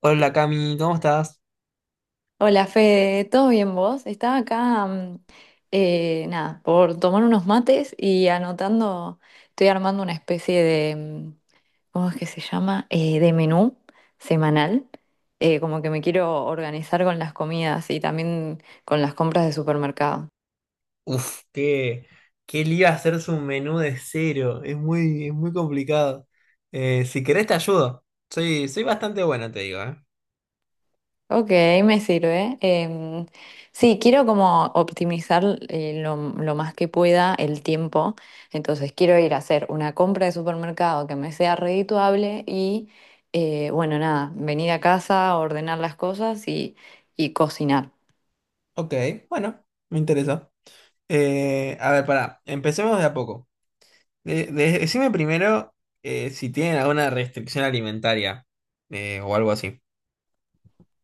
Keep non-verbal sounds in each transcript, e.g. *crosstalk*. Hola Cami, ¿cómo estás? Hola Fede, ¿todo bien vos? Estaba acá, nada, por tomar unos mates y anotando. Estoy armando una especie de, ¿cómo es que se llama? De menú semanal, como que me quiero organizar con las comidas y también con las compras de supermercado. Uf, qué, qué lío hacer un menú de cero, es muy complicado. Si querés te ayudo, soy bastante bueno, te digo, ¿eh? Ok, me sirve. Sí, quiero como optimizar lo más que pueda el tiempo. Entonces quiero ir a hacer una compra de supermercado que me sea redituable y, bueno, nada, venir a casa, ordenar las cosas y cocinar. Ok, bueno, me interesa. A ver, pará, empecemos de a poco. Decime primero si tienen alguna restricción alimentaria o algo así.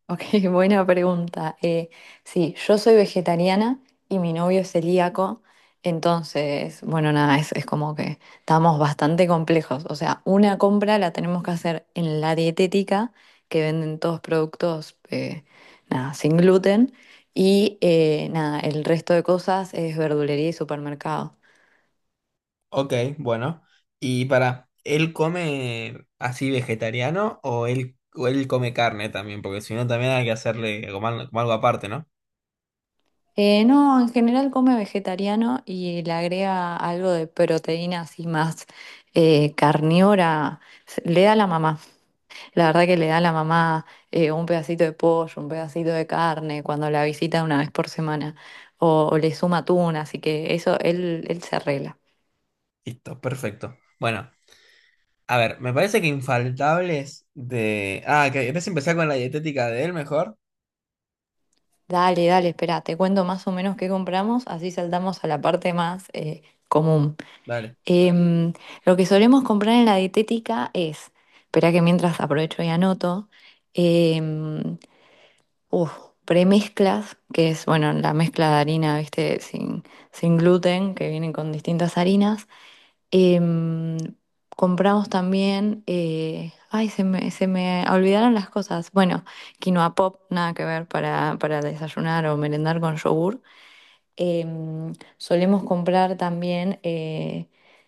Ok, *laughs* buena pregunta. Sí, yo soy vegetariana y mi novio es celíaco. Entonces, bueno, nada, es como que estamos bastante complejos. O sea, una compra la tenemos que hacer en la dietética, que venden todos productos, nada, sin gluten, y nada, el resto de cosas es verdulería y supermercado. Ok, bueno. Y para, ¿él come así vegetariano o él come carne también? Porque si no, también hay que hacerle como, como algo aparte, ¿no? No, en general come vegetariano y le agrega algo de proteína así más carnívora. Le da la mamá. La verdad que le da la mamá un pedacito de pollo, un pedacito de carne cuando la visita una vez por semana. O le suma atún, así que eso él se arregla. Listo, perfecto. Bueno, a ver, me parece que infaltables de... Ah, ¿que querés empezar con la dietética de él mejor? Dale, dale, espera, te cuento más o menos qué compramos, así saltamos a la parte más común. Dale. Em, lo que solemos comprar en la dietética es, espera que mientras aprovecho y anoto, em, uf, premezclas, que es, bueno, la mezcla de harina, viste, sin gluten, que vienen con distintas harinas. Em, Compramos también, ay, se me olvidaron las cosas. Bueno, quinoa pop, nada que ver para desayunar o merendar con yogur. Solemos comprar también,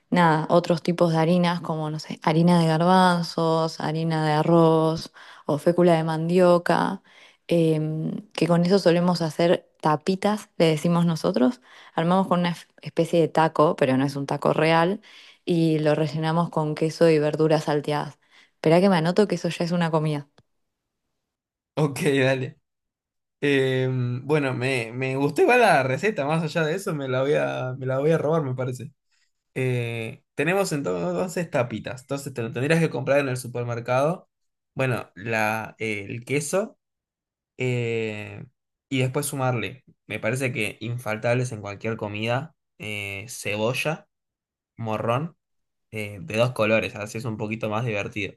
nada, otros tipos de harinas como, no sé, harina de garbanzos, harina de arroz o fécula de mandioca, que con eso solemos hacer tapitas, le decimos nosotros. Armamos con una especie de taco, pero no es un taco real, y lo rellenamos con queso y verduras salteadas. Esperá que me anoto que eso ya es una comida. Ok, dale. Bueno, me gustó igual la receta, más allá de eso me la voy a robar, me parece. Tenemos entonces tapitas. Entonces te lo tendrías que comprar en el supermercado. Bueno, el queso eh, y después sumarle. Me parece que infaltables en cualquier comida. Eh, cebolla, morrón, de dos colores. Así es un poquito más divertido.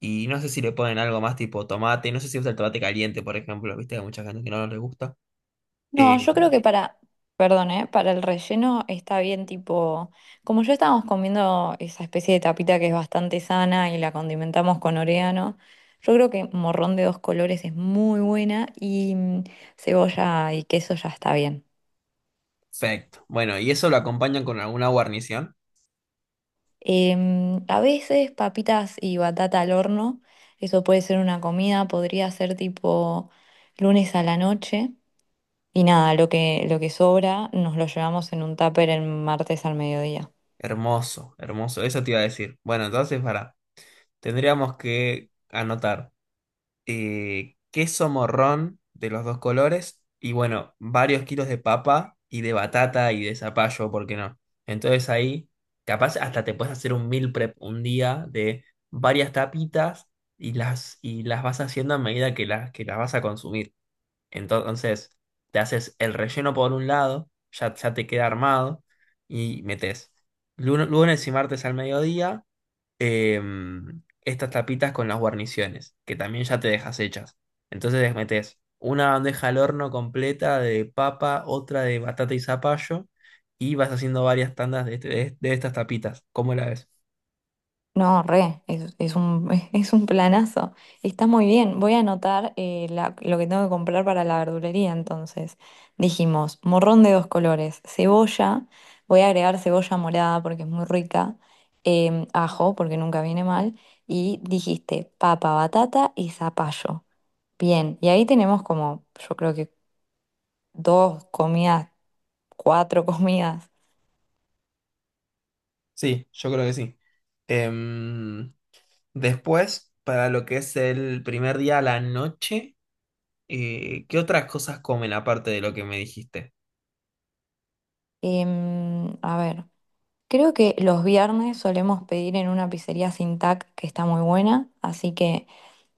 Y no sé si le ponen algo más tipo tomate. No sé si usa el tomate caliente, por ejemplo. Viste, hay mucha gente que no le gusta. No, Eh, yo creo que perdón, ¿eh? Para el relleno está bien, tipo, como ya estábamos comiendo esa especie de tapita que es bastante sana y la condimentamos con orégano, yo creo que morrón de dos colores es muy buena y cebolla y queso ya está bien. Perfecto. Bueno, y eso lo acompañan con alguna guarnición. A veces papitas y batata al horno, eso puede ser una comida, podría ser tipo lunes a la noche y nada, lo que sobra nos lo llevamos en un tupper el martes al mediodía. Hermoso, hermoso. Eso te iba a decir. Bueno, entonces, para, tendríamos que anotar queso, morrón de los dos colores y, bueno, varios kilos de papa y de batata y de zapallo, ¿por qué no? Entonces ahí, capaz hasta te puedes hacer un meal prep un día de varias tapitas y y las vas haciendo a medida que que las vas a consumir. Entonces, te haces el relleno por un lado, ya te queda armado, y metes lunes y martes al mediodía estas tapitas con las guarniciones, que también ya te dejas hechas. Entonces, les metes una bandeja al horno completa de papa, otra de batata y zapallo, y vas haciendo varias tandas de, de estas tapitas. ¿Cómo la ves? No, re, es un, *laughs* es un planazo. Está muy bien. Voy a anotar lo que tengo que comprar para la verdulería. Entonces, dijimos, morrón de dos colores, cebolla, voy a agregar cebolla morada porque es muy rica, ajo porque nunca viene mal, y dijiste papa, batata y zapallo. Bien, y ahí tenemos como, yo creo que dos comidas, cuatro *laughs* comidas. Sí, yo creo que sí. Em, Después, para lo que es el primer día a la noche. ¿Qué otras cosas comen aparte de lo que me dijiste? A ver. Creo que los viernes solemos pedir en una pizzería sin TAC que está muy buena, así que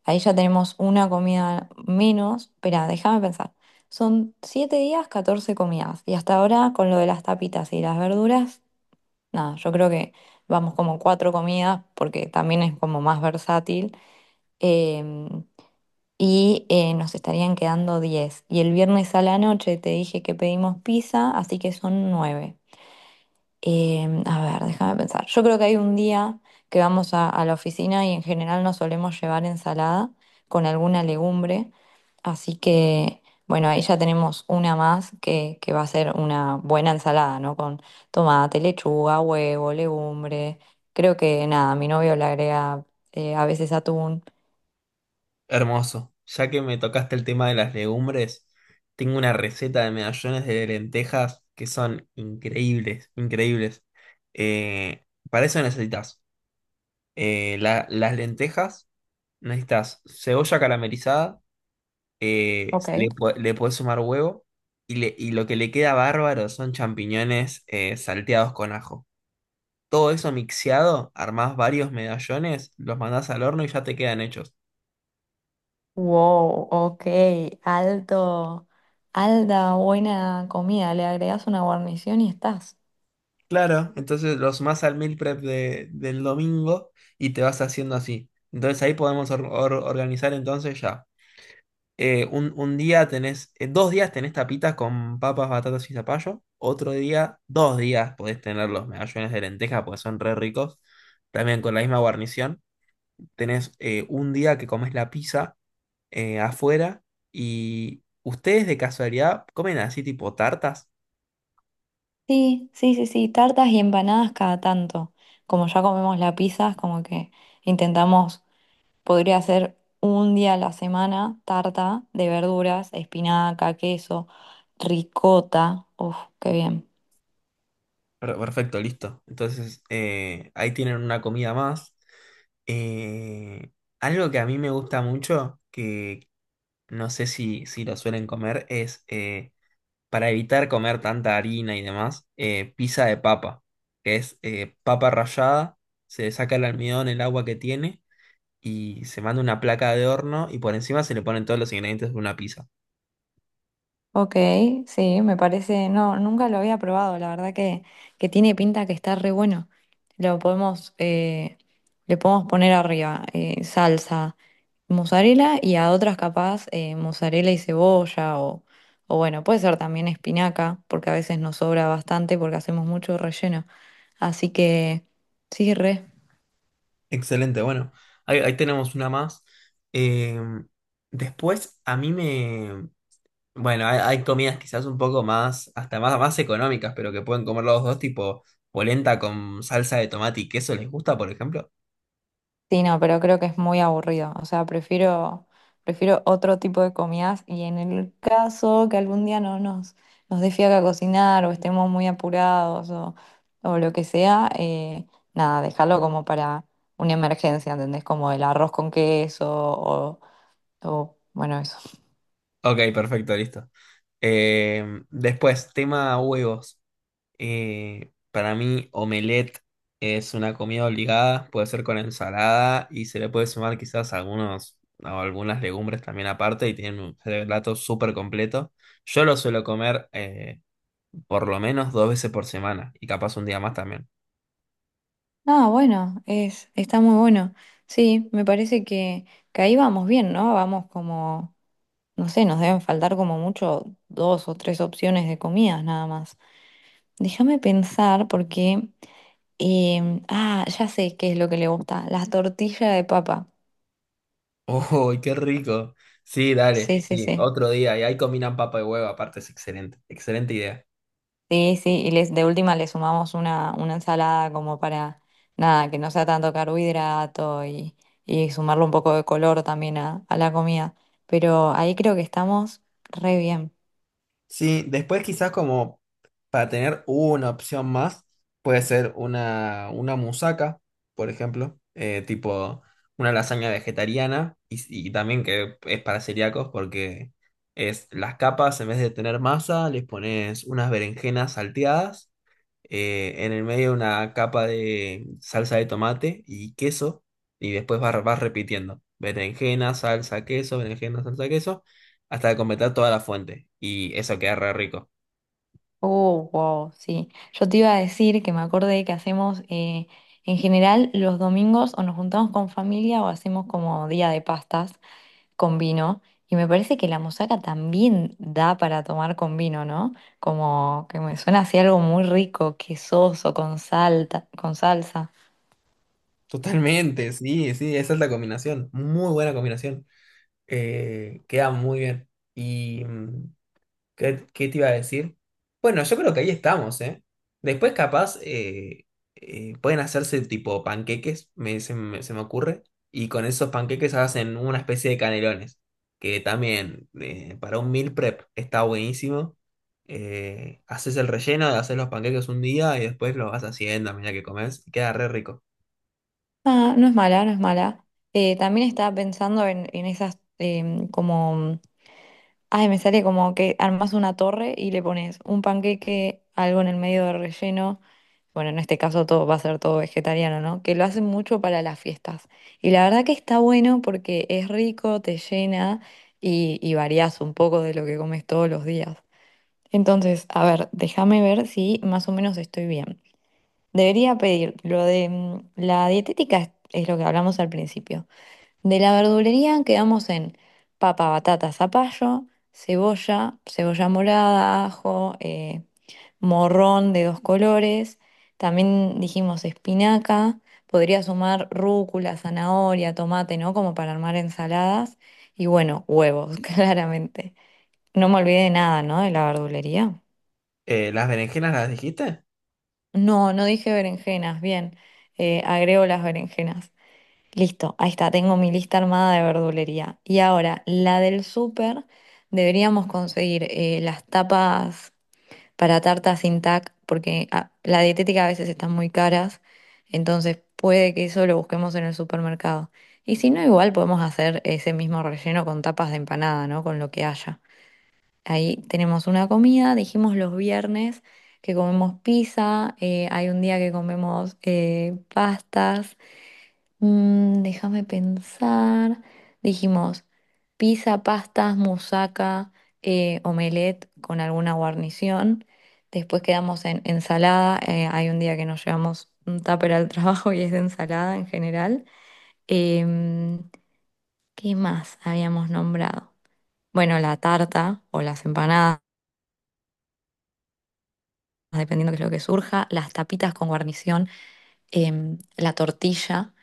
ahí ya tenemos una comida menos. Espera, déjame pensar. Son 7 días, 14 comidas. Y hasta ahora, con lo de las tapitas y las verduras, nada, yo creo que vamos como cuatro comidas porque también es como más versátil. Em, nos estarían quedando 10. Y el viernes a la noche te dije que pedimos pizza, así que son 9. A ver, déjame pensar. Yo creo que hay un día que vamos a la oficina y en general nos solemos llevar ensalada con alguna legumbre. Así que, bueno, ahí ya tenemos una más que va a ser una buena ensalada, ¿no? Con tomate, lechuga, huevo, legumbre. Creo que nada, mi novio le agrega a veces atún. Hermoso. Ya que me tocaste el tema de las legumbres, tengo una receta de medallones de lentejas que son increíbles, increíbles. Para eso necesitas las lentejas, necesitas cebolla caramelizada, Ok. Le podés sumar huevo y lo que le queda bárbaro son champiñones salteados con ajo. Todo eso mixeado, armás varios medallones, los mandás al horno y ya te quedan hechos. Wow, ok, alto, alta, buena comida. Le agregas una guarnición y estás. Claro, entonces los más al meal prep del domingo y te vas haciendo así. Entonces ahí podemos organizar entonces ya. Eh, un día tenés, dos días tenés tapitas con papas, batatas y zapallo. Otro día, dos días podés tener los medallones de lenteja porque son re ricos. También con la misma guarnición. Tenés un día que comes la pizza afuera y ustedes de casualidad comen así tipo tartas. Sí, sí, sí, sí, tartas y empanadas cada tanto. Como ya comemos la pizza, es como que intentamos, podría ser un día a la semana tarta de verduras, espinaca, queso, ricota. Uf, qué bien. Perfecto, listo. Entonces ahí tienen una comida más. Eh, algo que a mí me gusta mucho, que no sé si lo suelen comer, es para evitar comer tanta harina y demás, pizza de papa, que es papa rallada, se le saca el almidón, el agua que tiene. Y se manda una placa de horno y por encima se le ponen todos los ingredientes de una pizza. Ok, sí, me parece, no, nunca lo había probado, la verdad que tiene pinta que está re bueno. Lo podemos, eh, le podemos poner arriba salsa, mozzarella y a otras capaz mozzarella y cebolla o bueno, puede ser también espinaca, porque a veces nos sobra bastante porque hacemos mucho relleno. Así que sí, re. Excelente, bueno, ahí tenemos una más. Eh, después, a mí me... Bueno, hay comidas quizás un poco más, hasta más económicas, pero que pueden comer los dos, tipo polenta con salsa de tomate y queso, ¿les gusta, por ejemplo? Sí, no, pero creo que es muy aburrido. O sea, prefiero otro tipo de comidas y en el caso que algún día no nos, nos dé fiaca cocinar o estemos muy apurados o lo que sea, nada, dejarlo como para una emergencia, ¿entendés? Como el arroz con queso o bueno, eso. Ok, perfecto, listo. Después, tema huevos. Para mí, omelette es una comida obligada, puede ser con ensalada y se le puede sumar quizás algunos o algunas legumbres también aparte y tiene un plato súper completo. Yo lo suelo comer por lo menos dos veces por semana y capaz un día más también. Ah, bueno, está muy bueno. Sí, me parece que ahí vamos bien, ¿no? Vamos como, no sé, nos deben faltar como mucho dos o tres opciones de comidas nada más. Déjame pensar porque... ya sé qué es lo que le gusta. Las tortillas de papa. *laughs* ¡Uy, qué rico! Sí, dale, Sí, sí, sí, sí. otro día y ahí combinan papa y huevo, aparte es excelente, excelente idea. Sí, sí. Y les, de última le sumamos una ensalada como para, nada, que no sea tanto carbohidrato y sumarle un poco de color también a la comida. Pero ahí creo que estamos re bien. Sí, después quizás como para tener una opción más, puede ser una musaca, por ejemplo, tipo una lasaña vegetariana y también que es para celíacos porque es las capas, en vez de tener masa, les pones unas berenjenas salteadas en el medio una capa de salsa de tomate y queso, y después vas repitiendo, berenjena, salsa, queso, hasta completar toda la fuente, y eso queda re rico. Oh, wow, sí. Yo te iba a decir que me acordé que hacemos... en general, los domingos o nos juntamos con familia o hacemos como día de pastas, con vino. Y me parece que la musaca también da para tomar con vino, ¿no? Como que me suena así algo muy rico, quesoso, con salsa. Totalmente, sí, sí, esa es la combinación, muy buena combinación. Queda muy bien. Y, mm, ¿qué, qué te iba a decir? Bueno, yo creo que ahí estamos, ¿eh? Después capaz pueden hacerse tipo panqueques, se me ocurre, y con esos panqueques hacen una especie de canelones, que también para un meal prep está buenísimo. Haces el relleno, haces los panqueques un día y después los vas haciendo a medida que comes, y queda re rico. Ah, no es mala, no es mala. También estaba pensando en esas como ay, me sale como que armas una torre y le pones un panqueque, algo en el medio de relleno. Bueno, en este caso todo va a ser todo vegetariano, ¿no? Que lo hacen mucho para las fiestas. Y la verdad que está bueno porque es rico, te llena y variás un poco de lo que comes todos los días. Entonces, a ver, déjame ver si más o menos estoy bien. Debería pedir lo de la dietética, es lo que hablamos al principio. De la verdulería quedamos en papa, batata, zapallo, cebolla, cebolla morada, ajo, morrón de dos colores. También dijimos espinaca. Podría sumar rúcula, zanahoria, tomate, ¿no? Como para armar ensaladas. Y bueno, huevos, *laughs* claramente. No me olvidé de nada, ¿no? De la verdulería. ¿Las berenjenas las dijiste? No, no dije berenjenas. Bien, agrego las berenjenas. Listo, ahí está, tengo mi lista armada de verdulería. Y ahora, la del súper, deberíamos conseguir las tapas para tartas sin tac, porque ah, la dietética a veces están muy caras, entonces puede que eso lo busquemos en el supermercado. Y si no, igual podemos hacer ese mismo relleno con tapas de empanada, ¿no? Con lo que haya. Ahí tenemos una comida, dijimos los viernes que comemos pizza, hay un día que comemos pastas. Déjame pensar. Dijimos pizza, pastas, musaca, omelette con alguna guarnición. Después quedamos en ensalada. Hay un día que nos llevamos un tupper al *laughs* trabajo y es de ensalada en general. Em, ¿Qué más habíamos nombrado? Bueno, la tarta o las empanadas, dependiendo de lo que surja. Las tapitas con guarnición. La tortilla.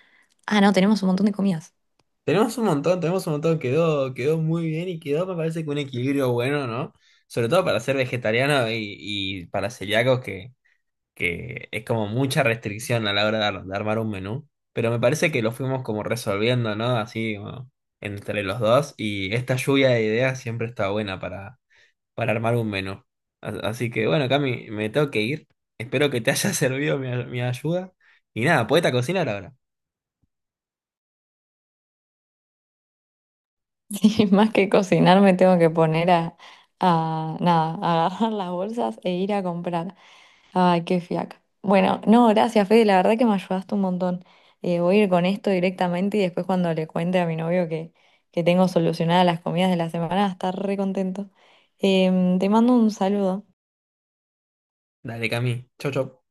Ah, no, tenemos un montón de comidas. Tenemos un montón, quedó muy bien y quedó, me parece que un equilibrio bueno, ¿no? Sobre todo para ser vegetariano y para celíacos que es como mucha restricción a la hora de, de armar un menú. Pero me parece que lo fuimos como resolviendo, ¿no? Así como entre los dos. Y esta lluvia de ideas siempre está buena para armar un menú. Así que bueno, Cami, me tengo que ir. Espero que te haya *laughs* servido mi ayuda. Y nada, poeta a cocinar ahora. Sí, *laughs* más que cocinar me tengo que poner a nada, a agarrar las bolsas e ir a comprar. Ay, qué fiaca. Bueno, no, gracias, Fede, la verdad que me ayudaste un montón. Voy a ir con esto directamente y después cuando le cuente a mi novio que tengo solucionadas las comidas de la semana, va a estar re contento. Te mando un saludo. Dale, Cami. Chau, chau.